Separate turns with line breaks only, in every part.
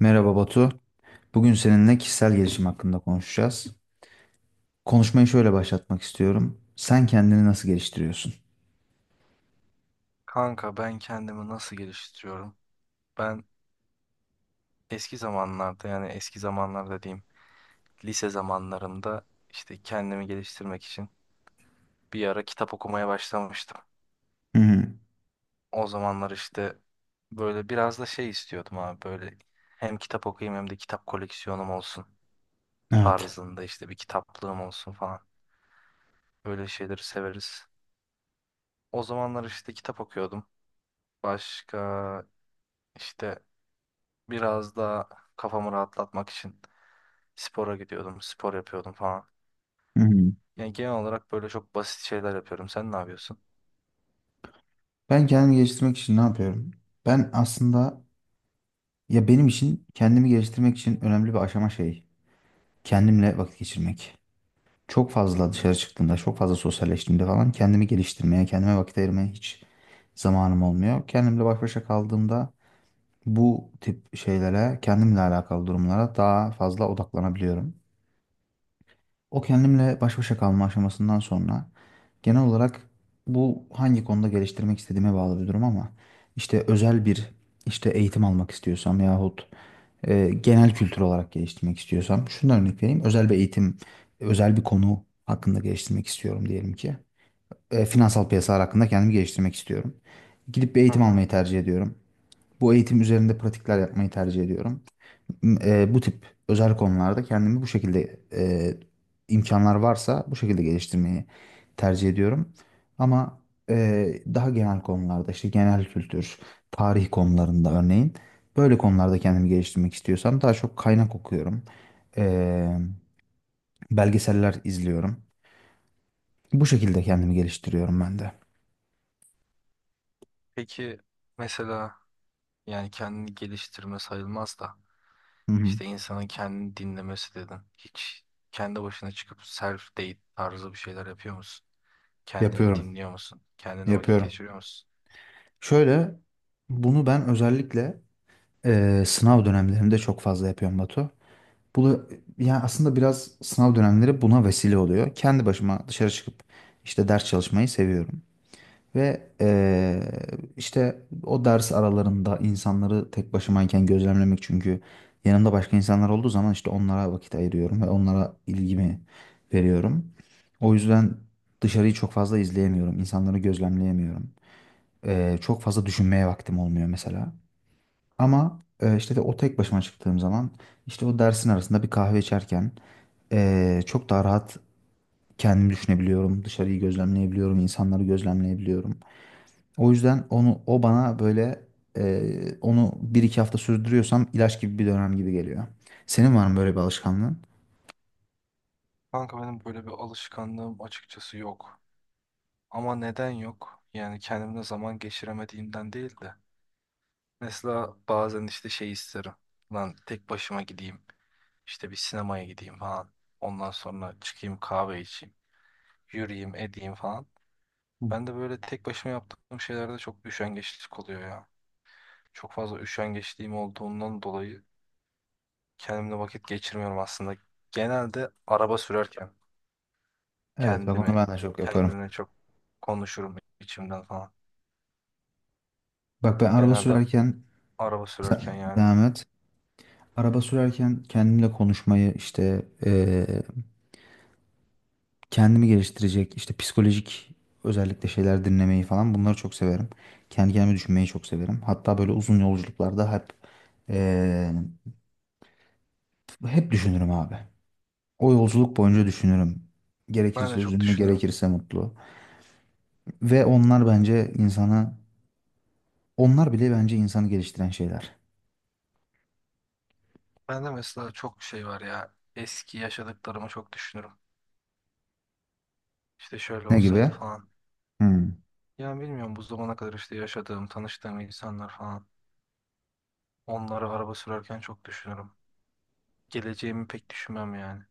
Merhaba Batu. Bugün seninle kişisel gelişim hakkında konuşacağız. Konuşmayı şöyle başlatmak istiyorum. Sen kendini nasıl geliştiriyorsun?
Kanka ben kendimi nasıl geliştiriyorum? Ben eski zamanlarda yani eski zamanlarda diyeyim lise zamanlarımda işte kendimi geliştirmek için bir ara kitap okumaya başlamıştım.
Hı hı.
O zamanlar işte böyle biraz da şey istiyordum abi böyle hem kitap okuyayım hem de kitap koleksiyonum olsun
Evet.
tarzında işte bir kitaplığım olsun falan. Böyle şeyleri severiz. O zamanlar işte kitap okuyordum. Başka işte biraz da kafamı rahatlatmak için spora gidiyordum, spor yapıyordum falan.
Hı hı.
Yani genel olarak böyle çok basit şeyler yapıyorum. Sen ne yapıyorsun?
Ben kendimi geliştirmek için ne yapıyorum? Ben aslında ya benim için kendimi geliştirmek için önemli bir aşama şey. Kendimle vakit geçirmek. Çok fazla dışarı çıktığımda, çok fazla sosyalleştiğimde falan kendimi geliştirmeye, kendime vakit ayırmaya hiç zamanım olmuyor. Kendimle baş başa kaldığımda bu tip şeylere, kendimle alakalı durumlara daha fazla odaklanabiliyorum. O kendimle baş başa kalma aşamasından sonra genel olarak bu hangi konuda geliştirmek istediğime bağlı bir durum, ama işte özel bir işte eğitim almak istiyorsam yahut genel kültür olarak geliştirmek istiyorsam şundan örnek vereyim. Özel bir eğitim, özel bir konu hakkında geliştirmek istiyorum diyelim ki. Finansal piyasalar hakkında kendimi geliştirmek istiyorum. Gidip bir
Hı
eğitim
hı.
almayı tercih ediyorum. Bu eğitim üzerinde pratikler yapmayı tercih ediyorum bu tip özel konularda kendimi bu şekilde imkanlar varsa bu şekilde geliştirmeyi tercih ediyorum. Ama daha genel konularda işte genel kültür, tarih konularında örneğin böyle konularda kendimi geliştirmek istiyorsam daha çok kaynak okuyorum. E, Belgeseller izliyorum. Bu şekilde kendimi geliştiriyorum ben de.
Peki mesela yani kendini geliştirme sayılmaz da
Hı hı.
işte insanın kendini dinlemesi dedin. Hiç kendi başına çıkıp self date tarzı bir şeyler yapıyor musun? Kendini
Yapıyorum,
dinliyor musun? Kendine vakit
yapıyorum.
geçiriyor musun?
Şöyle bunu ben özellikle sınav dönemlerimde çok fazla yapıyorum Batu. Bu yani aslında biraz sınav dönemleri buna vesile oluyor. Kendi başıma dışarı çıkıp işte ders çalışmayı seviyorum. Ve işte o ders aralarında insanları tek başımayken gözlemlemek, çünkü yanımda başka insanlar olduğu zaman işte onlara vakit ayırıyorum ve onlara ilgimi veriyorum. O yüzden dışarıyı çok fazla izleyemiyorum, insanları gözlemleyemiyorum. Çok fazla düşünmeye vaktim olmuyor mesela. Ama işte de o tek başıma çıktığım zaman işte o dersin arasında bir kahve içerken çok daha rahat kendimi düşünebiliyorum. Dışarıyı gözlemleyebiliyorum, insanları gözlemleyebiliyorum. O yüzden onu o bana böyle onu bir iki hafta sürdürüyorsam ilaç gibi bir dönem gibi geliyor. Senin var mı böyle bir alışkanlığın?
Kanka benim böyle bir alışkanlığım açıkçası yok. Ama neden yok? Yani kendimle zaman geçiremediğimden değil de. Mesela bazen işte şey isterim. Lan tek başıma gideyim. İşte bir sinemaya gideyim falan. Ondan sonra çıkayım kahve içeyim. Yürüyeyim edeyim falan.
Hı.
Ben de böyle tek başıma yaptığım şeylerde çok üşengeçlik oluyor ya. Çok fazla üşengeçliğim olduğundan dolayı kendimle vakit geçirmiyorum aslında. Genelde araba sürerken
Evet, bak onu
kendimi
ben de çok yaparım.
kendimle çok konuşurum içimden falan.
Bak ben araba
Genelde
sürerken
araba sürerken yani.
devam et. Araba sürerken kendimle konuşmayı, işte kendimi geliştirecek işte psikolojik özellikle şeyler dinlemeyi falan, bunları çok severim. Kendi kendime düşünmeyi çok severim. Hatta böyle uzun yolculuklarda hep eee, hep düşünürüm abi. O yolculuk boyunca düşünürüm.
Ben de
Gerekirse
çok
üzünlü,
düşünürüm.
gerekirse mutlu. Ve onlar bence insanı, onlar bile bence insanı geliştiren şeyler.
Ben de mesela çok şey var ya. Eski yaşadıklarımı çok düşünürüm. İşte şöyle
Ne gibi?
olsaydı falan.
Hmm.
Yani bilmiyorum bu zamana kadar işte yaşadığım, tanıştığım insanlar falan. Onları araba sürerken çok düşünürüm. Geleceğimi pek düşünmem yani.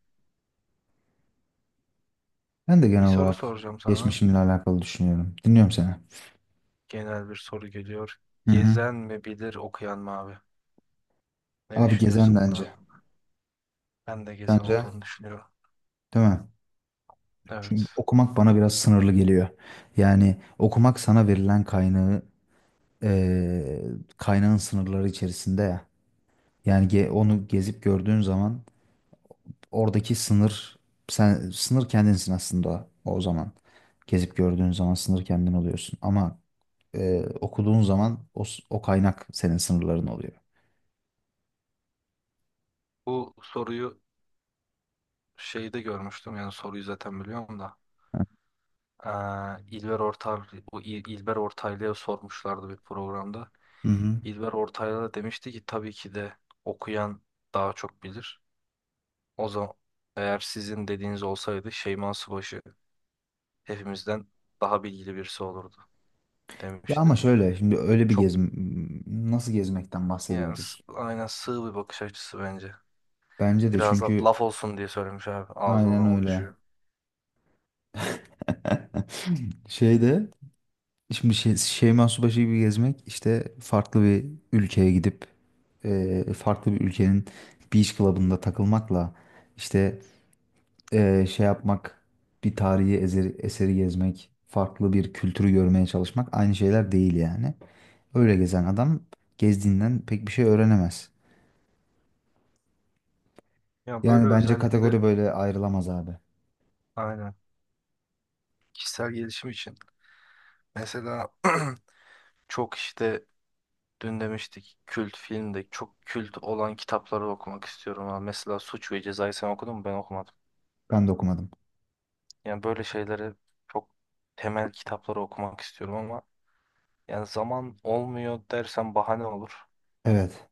Ben de
Bir
genel
soru
olarak
soracağım sana.
geçmişimle alakalı düşünüyorum. Dinliyorum seni.
Genel bir soru geliyor.
Hı hı.
Gezen mi bilir okuyan mı abi? Ne
Abi gezen
düşünüyorsun bu konu
bence.
hakkında? Ben de gezen
Bence,
olduğunu düşünüyorum.
değil mi?
Evet.
Çünkü okumak bana biraz sınırlı geliyor. Yani okumak sana verilen kaynağı eee, kaynağın sınırları içerisinde ya. Yani onu gezip gördüğün zaman oradaki sınır sen sınır kendinsin aslında o zaman. Gezip gördüğün zaman sınır kendin oluyorsun. Ama okuduğun zaman o, o kaynak senin sınırların oluyor.
Bu soruyu şeyde görmüştüm. Yani soruyu zaten biliyorum da. Ee, İlber Ortaylı, bu İlber Ortaylı'ya sormuşlardı bir programda.
Hı hı.
İlber Ortaylı da demişti ki tabii ki de okuyan daha çok bilir. O zaman eğer sizin dediğiniz olsaydı Şeyma Subaşı hepimizden daha bilgili birisi olurdu
Ya ama
demişti.
şöyle şimdi öyle bir
Çok
gezim nasıl gezmekten
yani
bahsediyoruz?
aynen sığ bir bakış açısı bence.
Bence de,
Biraz da
çünkü
laf olsun diye söylemiş abi. Ağzı
aynen
olan o
öyle.
düşüyor.
Şeyde Şimdi şey, Şeyma Subaşı gibi gezmek işte farklı bir ülkeye gidip farklı bir ülkenin beach club'ında takılmakla işte şey yapmak, bir tarihi eseri, eseri gezmek, farklı bir kültürü görmeye çalışmak aynı şeyler değil yani. Öyle gezen adam gezdiğinden pek bir şey öğrenemez.
Ya böyle
Yani bence
özellikle
kategori böyle ayrılamaz abi.
aynen kişisel gelişim için. Mesela çok işte dün demiştik kült filmde çok kült olan kitapları okumak istiyorum abi. Mesela Suç ve Ceza'yı sen okudun mu? Ben okumadım.
Ben de okumadım.
Yani böyle şeyleri çok temel kitapları okumak istiyorum ama yani zaman olmuyor dersen bahane olur.
Evet.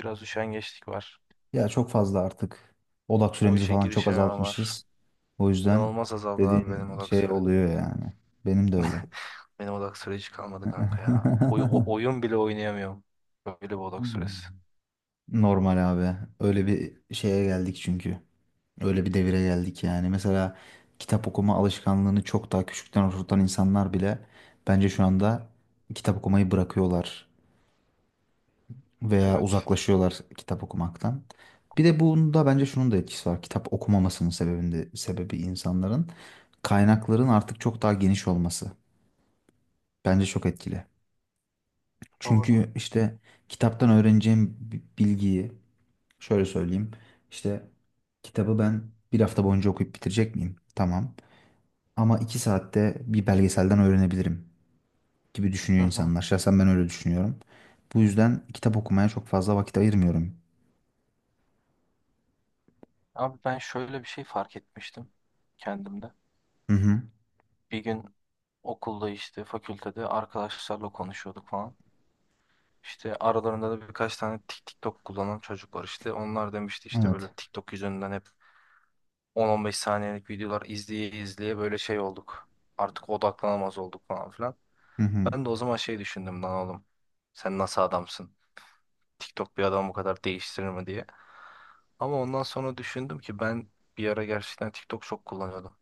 Biraz üşengeçlik var.
Ya çok fazla artık odak
O
süremizi
işe
falan çok
girişememe var.
azaltmışız. O yüzden
İnanılmaz azaldı abi
dediğin
benim odak
şey
süre.
oluyor yani. Benim de öyle.
Benim odak süre hiç kalmadı kanka ya. Oyun bile oynayamıyorum. Böyle bir odak süresi.
Normal abi. Öyle bir şeye geldik çünkü. Öyle bir devire geldik yani. Mesela kitap okuma alışkanlığını çok daha küçükten oturtan insanlar bile bence şu anda kitap okumayı bırakıyorlar veya
Evet.
uzaklaşıyorlar kitap okumaktan. Bir de bunda bence şunun da etkisi var. Kitap okumamasının sebebinde, sebebi insanların kaynakların artık çok daha geniş olması. Bence çok etkili.
Doğru.
Çünkü işte kitaptan öğreneceğim bilgiyi şöyle söyleyeyim. İşte kitabı ben bir hafta boyunca okuyup bitirecek miyim? Tamam. Ama iki saatte bir belgeselden öğrenebilirim gibi
Hı
düşünüyor
hı.
insanlar. Şahsen ben öyle düşünüyorum. Bu yüzden kitap okumaya çok fazla vakit ayırmıyorum.
Abi ben şöyle bir şey fark etmiştim kendimde.
Hı hı.
Bir gün okulda işte fakültede arkadaşlarla konuşuyorduk falan. İşte aralarında da birkaç tane TikTok kullanan çocuk var işte. Onlar demişti işte böyle
Evet.
TikTok yüzünden hep 10-15 saniyelik videolar izleye izleye böyle şey olduk. Artık odaklanamaz olduk falan filan.
Hı hı.
Ben de o zaman şey düşündüm lan oğlum. Sen nasıl adamsın? TikTok bir adamı bu kadar değiştirir mi diye. Ama ondan sonra düşündüm ki ben bir ara gerçekten TikTok çok kullanıyordum.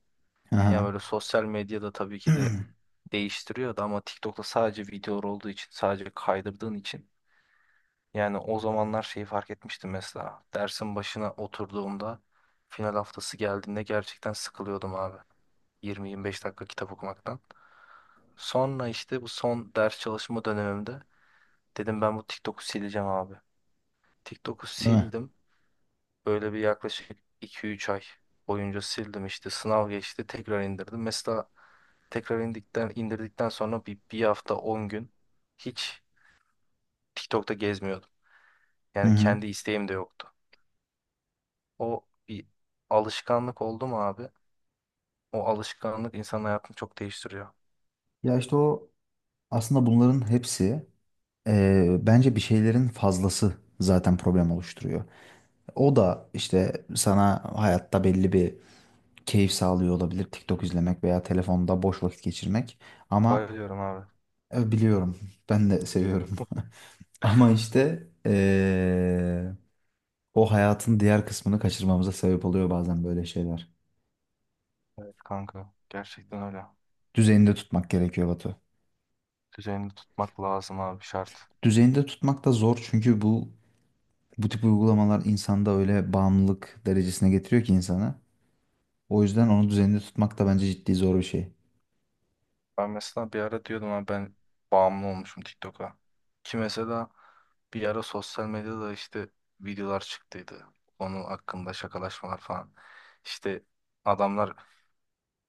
Yani
Aha.
böyle sosyal medyada tabii ki de
Değil
değiştiriyordu ama TikTok'ta sadece videolar olduğu için, sadece kaydırdığın için. Yani o zamanlar şeyi fark etmiştim mesela. Dersin başına oturduğumda final haftası geldiğinde gerçekten sıkılıyordum abi. 20-25 dakika kitap okumaktan. Sonra işte bu son ders çalışma dönemimde dedim ben bu TikTok'u sileceğim abi. TikTok'u
mi?
sildim. Böyle bir yaklaşık 2-3 ay boyunca sildim işte sınav geçti tekrar indirdim. Mesela tekrar indikten, indirdikten sonra bir hafta 10 gün hiç TikTok'ta gezmiyordum.
Hı
Yani
hı.
kendi isteğim de yoktu. O bir alışkanlık oldu mu abi? O alışkanlık insanın hayatını çok değiştiriyor.
Ya işte o aslında bunların hepsi bence bir şeylerin fazlası zaten problem oluşturuyor. O da işte sana hayatta belli bir keyif sağlıyor olabilir TikTok izlemek veya telefonda boş vakit geçirmek. Ama
Bayılıyorum abi.
biliyorum, ben de seviyorum. Ama işte o hayatın diğer kısmını kaçırmamıza sebep oluyor bazen böyle şeyler.
Evet kanka. Gerçekten öyle.
Düzeninde tutmak gerekiyor Batu.
Düzenini tutmak lazım abi şart.
Düzeninde tutmak da zor, çünkü bu tip uygulamalar insanda öyle bağımlılık derecesine getiriyor ki insanı. O yüzden onu düzenli tutmak da bence ciddi zor bir şey.
Ben mesela bir ara diyordum abi ben bağımlı olmuşum TikTok'a. Ki mesela bir ara sosyal medyada işte videolar çıktıydı. Onun hakkında şakalaşmalar falan. İşte adamlar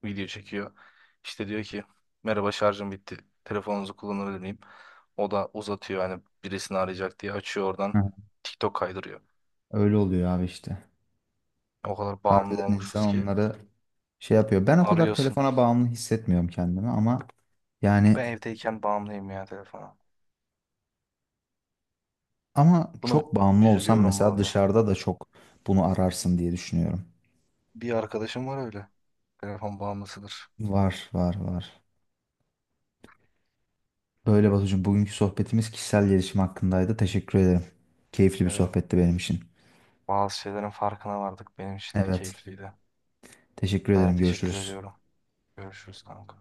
video çekiyor. İşte diyor ki merhaba şarjım bitti. Telefonunuzu kullanabilir miyim? O da uzatıyor hani birisini arayacak diye açıyor oradan
Hı.
TikTok kaydırıyor.
Öyle oluyor abi işte.
O kadar bağımlı
Harbiden insan
olmuşuz ki
onları şey yapıyor. Ben o kadar
arıyorsun.
telefona bağımlı hissetmiyorum kendimi, ama yani
Ben evdeyken bağımlıyım ya telefona.
ama
Bunu
çok bağımlı olsam
üzülüyorum bu
mesela
arada.
dışarıda da çok bunu ararsın diye düşünüyorum.
Bir arkadaşım var öyle. Telefon bağımlısıdır.
Var, var, var. Böyle Batucuğum, bugünkü sohbetimiz kişisel gelişim hakkındaydı. Teşekkür ederim. Keyifli bir
Evet.
sohbetti benim için.
Bazı şeylerin farkına vardık. Benim için de
Evet.
keyifliydi.
Teşekkür
Ben de
ederim.
teşekkür
Görüşürüz.
ediyorum. Görüşürüz kanka.